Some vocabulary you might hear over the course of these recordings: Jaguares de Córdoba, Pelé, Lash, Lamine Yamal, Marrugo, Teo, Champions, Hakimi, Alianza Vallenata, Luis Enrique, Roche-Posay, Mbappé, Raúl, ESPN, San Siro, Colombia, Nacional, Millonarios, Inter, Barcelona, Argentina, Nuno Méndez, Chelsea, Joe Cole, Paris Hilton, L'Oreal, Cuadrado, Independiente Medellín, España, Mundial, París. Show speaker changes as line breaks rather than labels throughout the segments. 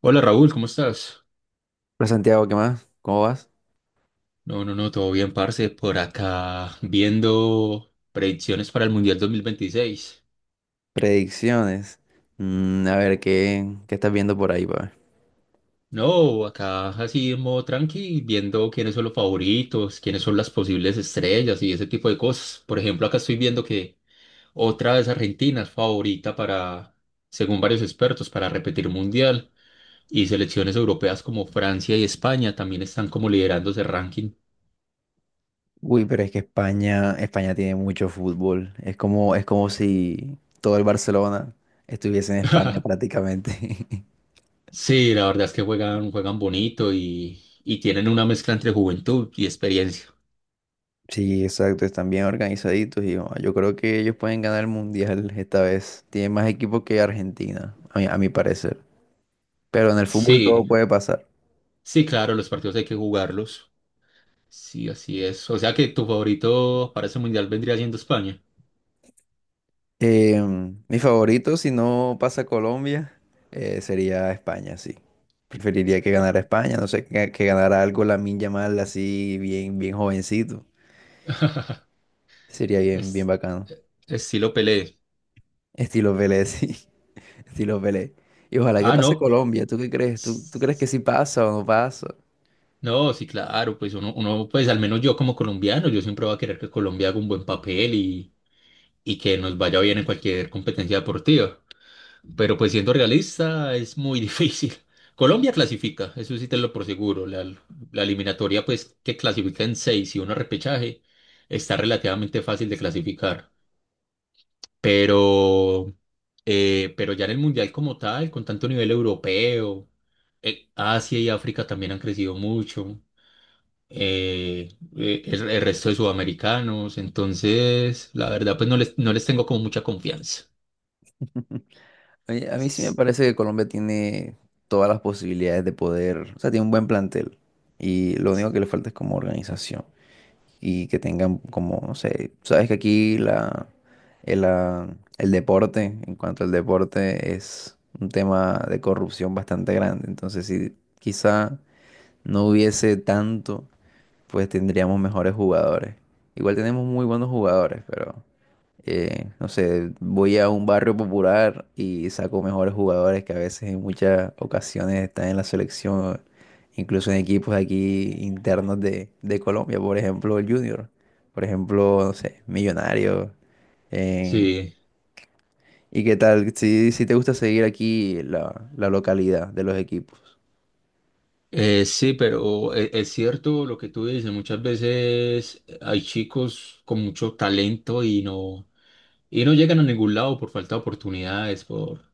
Hola Raúl, ¿cómo estás?
Hola Santiago, ¿qué más? ¿Cómo vas?
No, todo bien, parce, por acá viendo predicciones para el Mundial 2026.
Predicciones. A ver, ¿qué estás viendo por ahí, pa' ver?
No, acá así en modo tranqui, viendo quiénes son los favoritos, quiénes son las posibles estrellas y ese tipo de cosas. Por ejemplo, acá estoy viendo que otra vez Argentina es favorita para, según varios expertos, para repetir Mundial. Y selecciones europeas como Francia y España también están como liderando ese ranking.
Uy, pero es que España, España tiene mucho fútbol. Es como si todo el Barcelona estuviese en España prácticamente.
Sí, la verdad es que juegan bonito y tienen una mezcla entre juventud y experiencia.
Sí, exacto, están bien organizaditos y oh, yo creo que ellos pueden ganar el Mundial esta vez. Tienen más equipo que Argentina, a mi parecer. Pero en el fútbol todo
Sí,
puede pasar.
sí, claro, los partidos hay que jugarlos. Sí, así es. O sea que tu favorito para ese mundial vendría siendo España.
Eh, Mi favorito, si no pasa Colombia, sería España, sí. Preferiría que ganara España, no sé, que ganara algo Lamine Yamal así, bien, bien jovencito. Sería bien, bien
Es,
bacano.
Estilo Pelé.
Estilo Pelé, sí. Estilo Pelé. Y ojalá que
Ah,
pase
no.
Colombia. ¿Tú qué crees? ¿Tú crees que
s-
sí pasa o no pasa?
No, sí, claro, pues pues al menos yo como colombiano, yo siempre voy a querer que Colombia haga un buen papel y que nos vaya bien en cualquier competencia deportiva. Pero pues siendo realista es muy difícil. Colombia clasifica, eso sí te lo por seguro. La eliminatoria pues que clasifica en seis y un repechaje está relativamente fácil de clasificar. Pero, pero ya en el Mundial como tal, con tanto nivel europeo, Asia y África también han crecido mucho. eh, el resto de sudamericanos, entonces la verdad pues no les tengo como mucha confianza.
A mí sí me
S-
parece que Colombia tiene todas las posibilidades de poder, o sea, tiene un buen plantel. Y lo único que le falta es como organización, y que tengan como, no sé, sabes que aquí el, ah, el deporte, en cuanto al deporte, es un tema de corrupción bastante grande. Entonces, si quizá no hubiese tanto, pues tendríamos mejores jugadores. Igual tenemos muy buenos jugadores, pero no sé, voy a un barrio popular y saco mejores jugadores que a veces en muchas ocasiones están en la selección, incluso en equipos aquí internos de Colombia, por ejemplo, el Junior, por ejemplo, no sé, Millonarios. en-
Sí.
¿Y qué tal? Si te gusta seguir aquí la localidad de los equipos.
Sí, pero es cierto lo que tú dices, muchas veces hay chicos con mucho talento y no llegan a ningún lado por falta de oportunidades,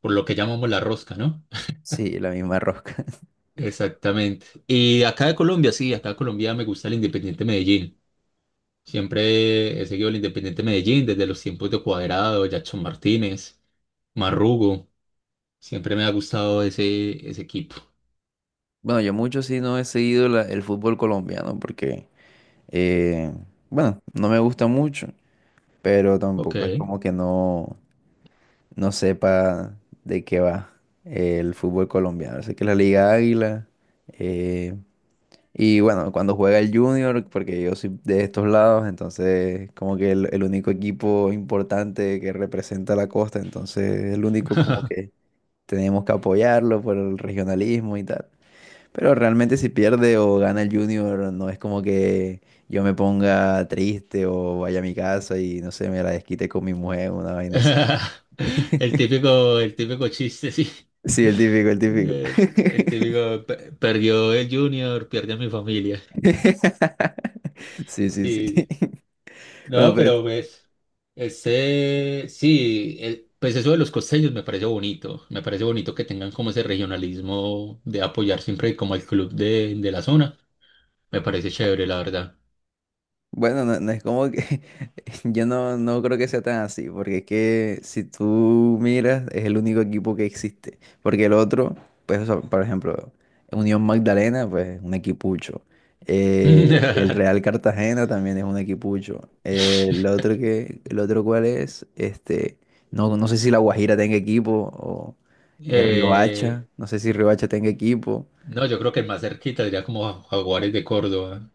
por lo que llamamos la rosca, ¿no?
Sí, la misma rosca.
Exactamente. Y acá de Colombia, sí, acá de Colombia me gusta el Independiente Medellín. Siempre he seguido el Independiente Medellín desde los tiempos de Cuadrado, Jackson Martínez, Marrugo. Siempre me ha gustado ese equipo.
Bueno, yo mucho sí no he seguido el fútbol colombiano porque, eh, bueno, no me gusta mucho, pero
Ok.
tampoco es como que no sepa de qué va el fútbol colombiano. Así que la Liga Águila, eh, y bueno, cuando juega el Junior, porque yo soy de estos lados, entonces como que el único equipo importante que representa la costa, entonces el único como que tenemos que apoyarlo por el regionalismo y tal. Pero realmente si pierde o gana el Junior, no es como que yo me ponga triste o vaya a mi casa y no sé, me la desquite con mi mujer, una vaina así.
El típico chiste, sí.
Sí, el típico, el típico.
Sí, el típico: Perdió el Junior, pierde a mi familia".
Sí, sí, sí.
Sí, sí.
Bueno,
No,
pues.
pero pues, ese, sí, pues eso de los costeños me parece bonito. Me parece bonito que tengan como ese regionalismo de apoyar siempre como el club de la zona. Me parece chévere, la verdad.
Bueno, no es como que yo no creo que sea tan así, porque es que si tú miras, es el único equipo que existe, porque el otro, pues, o sea, por ejemplo, Unión Magdalena, pues, un equipucho. Eh, el Real Cartagena también es un equipucho. El el otro cuál es, este, no sé si La Guajira tenga equipo, o
Eh,
Riohacha, no sé si Riohacha tenga equipo,
no, yo creo que el más cerquita sería como Jaguares de Córdoba.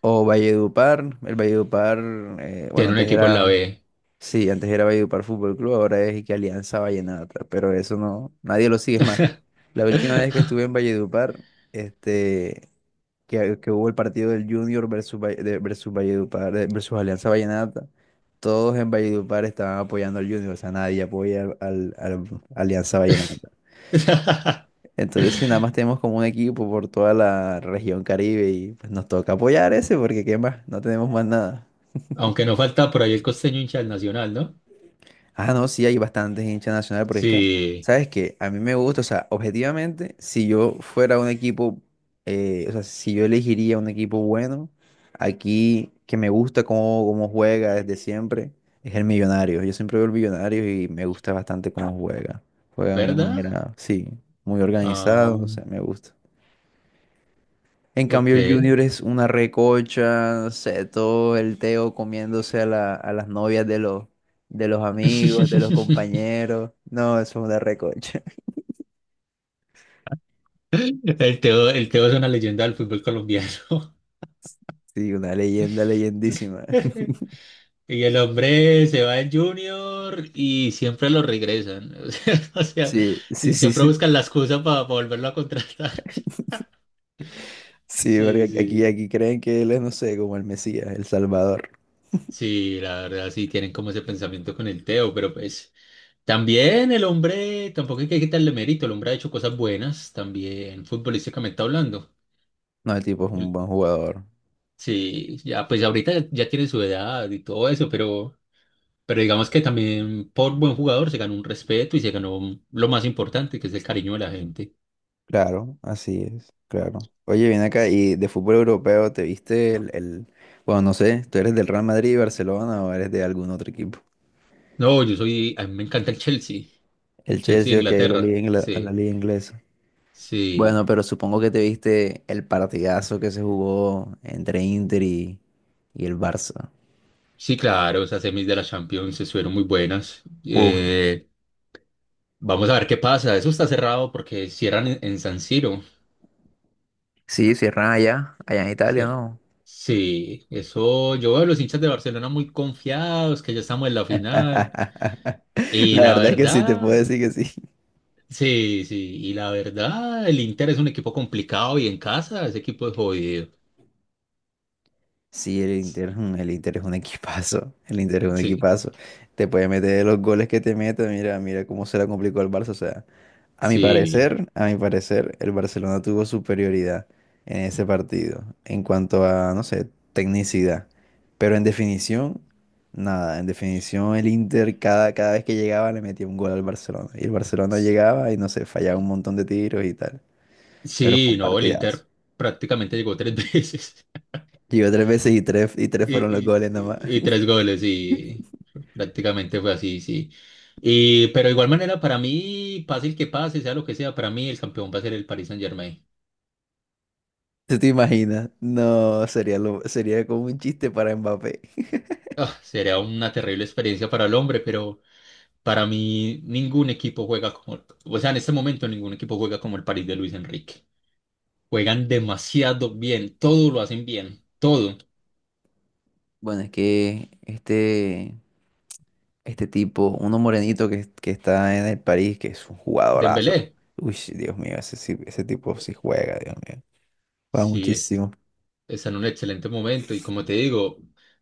o Valledupar, el Valledupar, bueno,
Tiene un
antes
equipo en la
era...
B.
Sí, antes era Valledupar Fútbol Club, ahora es y que Alianza Vallenata, pero eso no, nadie lo sigue es más. La última vez que estuve en Valledupar, este, que hubo el partido del Junior versus, versus Valledupar, versus Alianza Vallenata, todos en Valledupar estaban apoyando al Junior, o sea, nadie apoya al Alianza Vallenata. Entonces, si nada más tenemos como un equipo por toda la región Caribe y pues nos toca apoyar ese, porque ¿qué más? No tenemos más nada.
Aunque no falta por ahí el costeño hincha del Nacional, ¿no?
Ah, no, sí, hay bastantes hinchas nacionales, porque es que,
Sí,
¿sabes qué? A mí me gusta, o sea, objetivamente, si yo fuera un equipo, o sea, si yo elegiría un equipo bueno, aquí que me gusta cómo juega desde siempre, es el Millonario. Yo siempre veo el Millonario y me gusta bastante cómo juega. Juega de una
¿verdad?
manera, sí, muy organizado,
Ah,
o sea, me gusta. En
ok.
cambio, el Junior es una recocha, no sé, todo el Teo comiéndose a las novias de los amigos, de los compañeros. No, eso es una recocha.
El Teo es una leyenda del fútbol colombiano.
Sí, una leyenda, leyendísima.
Y el hombre se va en Junior y siempre lo regresan. O sea,
Sí, sí,
sí,
sí,
siempre
sí.
buscan la excusa para volverlo a contratar.
Sí, porque
Sí,
aquí,
sí.
aquí creen que él es, no sé, como el Mesías, el Salvador.
Sí, la verdad, sí tienen como ese pensamiento con el Teo, pero pues. También el hombre, tampoco hay que quitarle mérito, el hombre ha hecho cosas buenas también, futbolísticamente hablando.
No, el tipo es un
El-
buen jugador.
sí, ya pues ahorita ya, ya tiene su edad y todo eso, pero digamos que también por buen jugador se ganó un respeto y se ganó lo más importante, que es el cariño de la gente.
Claro, así es, claro. Oye, ven acá, y de fútbol europeo, ¿te viste el... Bueno, no sé, ¿tú eres del Real Madrid, Barcelona o eres de algún otro equipo?
No, yo soy, a mí me encanta el
El
Chelsea de
Chelsea, ok,
Inglaterra,
la
sí,
liga inglesa.
sí,
Bueno, pero supongo que te viste el partidazo que se jugó entre Inter y el Barça.
sí, claro, esas semis de la Champions estuvieron muy buenas.
Uf,
Vamos a ver qué pasa, eso está cerrado porque cierran en San Siro.
sí, cierran allá en Italia,
Cierto.
¿no?
Sí, eso yo veo a los hinchas de Barcelona muy confiados, que ya estamos en la final.
La
Y la
verdad es que sí, te puedo
verdad,
decir que sí.
sí, sí, y la verdad, el Inter es un equipo complicado y en casa ese equipo es jodido.
Sí, el Inter es un equipazo, el Inter es un
Sí,
equipazo. Te puede meter los goles que te meta, mira, mira cómo se la complicó al Barça. O sea, a mi
sí,
parecer, a mi parecer, el Barcelona tuvo superioridad en ese partido en cuanto a, no sé, tecnicidad. Pero en definición, nada, en definición el Inter cada vez que llegaba le metía un gol al Barcelona. Y el Barcelona llegaba y, no sé, fallaba un montón de tiros y tal. Pero fue
sí,
un
no, el
partidazo.
Inter prácticamente llegó tres veces
Llegó tres veces y tres
y,
fueron los
y-
goles nomás.
y- y tres goles y prácticamente fue así, sí. Y, pero de igual manera, para mí, pase el que pase, sea lo que sea, para mí el campeón va a ser el Paris Saint-Germain.
¿Tú te imaginas? No, sería como un chiste para Mbappé.
Ah, sería una terrible experiencia para el hombre, pero para mí ningún equipo juega como, o sea, en este momento ningún equipo juega como el París de Luis Enrique. Juegan demasiado bien, todo lo hacen bien, todo.
Bueno, es que este tipo, uno morenito que está en el París, que es un jugadorazo.
Dembélé,
Uy, Dios mío, ese tipo sí juega, Dios mío. Juega
sí,
muchísimo.
está en un excelente momento y como te digo,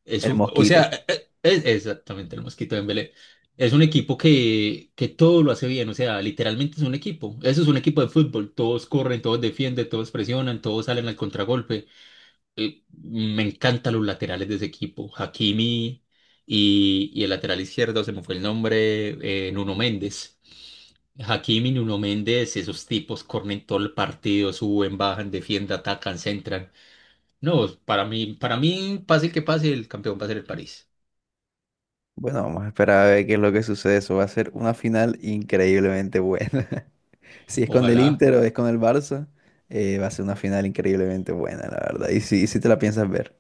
es
El
un, o sea,
Mosquito.
es exactamente el mosquito de Dembélé. Es un equipo que todo lo hace bien, o sea, literalmente es un equipo. Eso es un equipo de fútbol, todos corren, todos defienden, todos presionan, todos salen al contragolpe. Me encantan los laterales de ese equipo. Hakimi y el lateral izquierdo, se me fue el nombre, Nuno Méndez. Hakimi, Nuno Méndez, esos tipos corren todo el partido, suben, bajan, defienden, atacan, centran. No, para mí, pase que pase, el campeón va a ser el París.
Bueno, vamos a esperar a ver qué es lo que sucede. Eso va a ser una final increíblemente buena. Si es con el
Ojalá.
Inter o es con el Barça, va a ser una final increíblemente buena, la verdad. Y si te la piensas ver.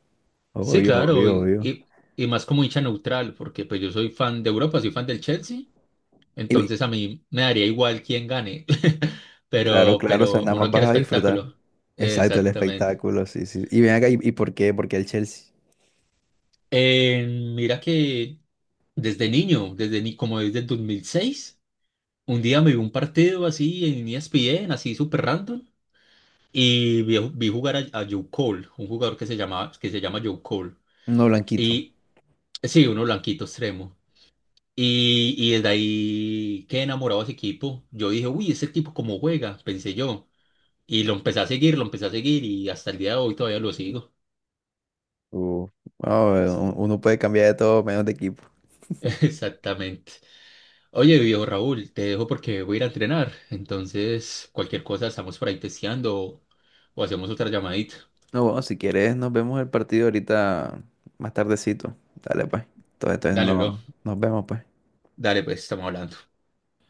Sí,
Obvio,
claro,
obvio, obvio.
y más como hincha neutral, porque pues yo soy fan de Europa, soy fan del Chelsea.
Y,
Entonces a mí me daría igual quién gane,
Claro, claro, o sea,
pero
nada más
uno
vas
quiere
a disfrutar.
espectáculo.
Exacto, el
Exactamente.
espectáculo, sí, sí. Y ven acá, ¿y por qué? Porque el Chelsea,
Eh, Mira que desde niño, desde ni como desde el 2006, un día me vi un partido así en ESPN, así súper random, y vi jugar a Joe Cole, un jugador que se llama Joe Cole.
no blanquito.
Y sí, uno blanquito extremo. Y desde ahí quedé enamorado de ese equipo. Yo dije, uy, ese equipo cómo juega, pensé yo. Y lo empecé a seguir, lo empecé a seguir y hasta el día de hoy todavía lo sigo.
Uh, no,
Sí,
uno puede cambiar de todo menos de equipo.
exactamente. Oye, viejo Raúl, te dejo porque voy a ir a entrenar. Entonces, cualquier cosa estamos por ahí testeando o hacemos otra llamadita.
No, bueno, si quieres, nos vemos el partido ahorita más tardecito. Dale, pues. Entonces
Dale, bro.
no, nos vemos, pues.
Dale, pues, estamos hablando.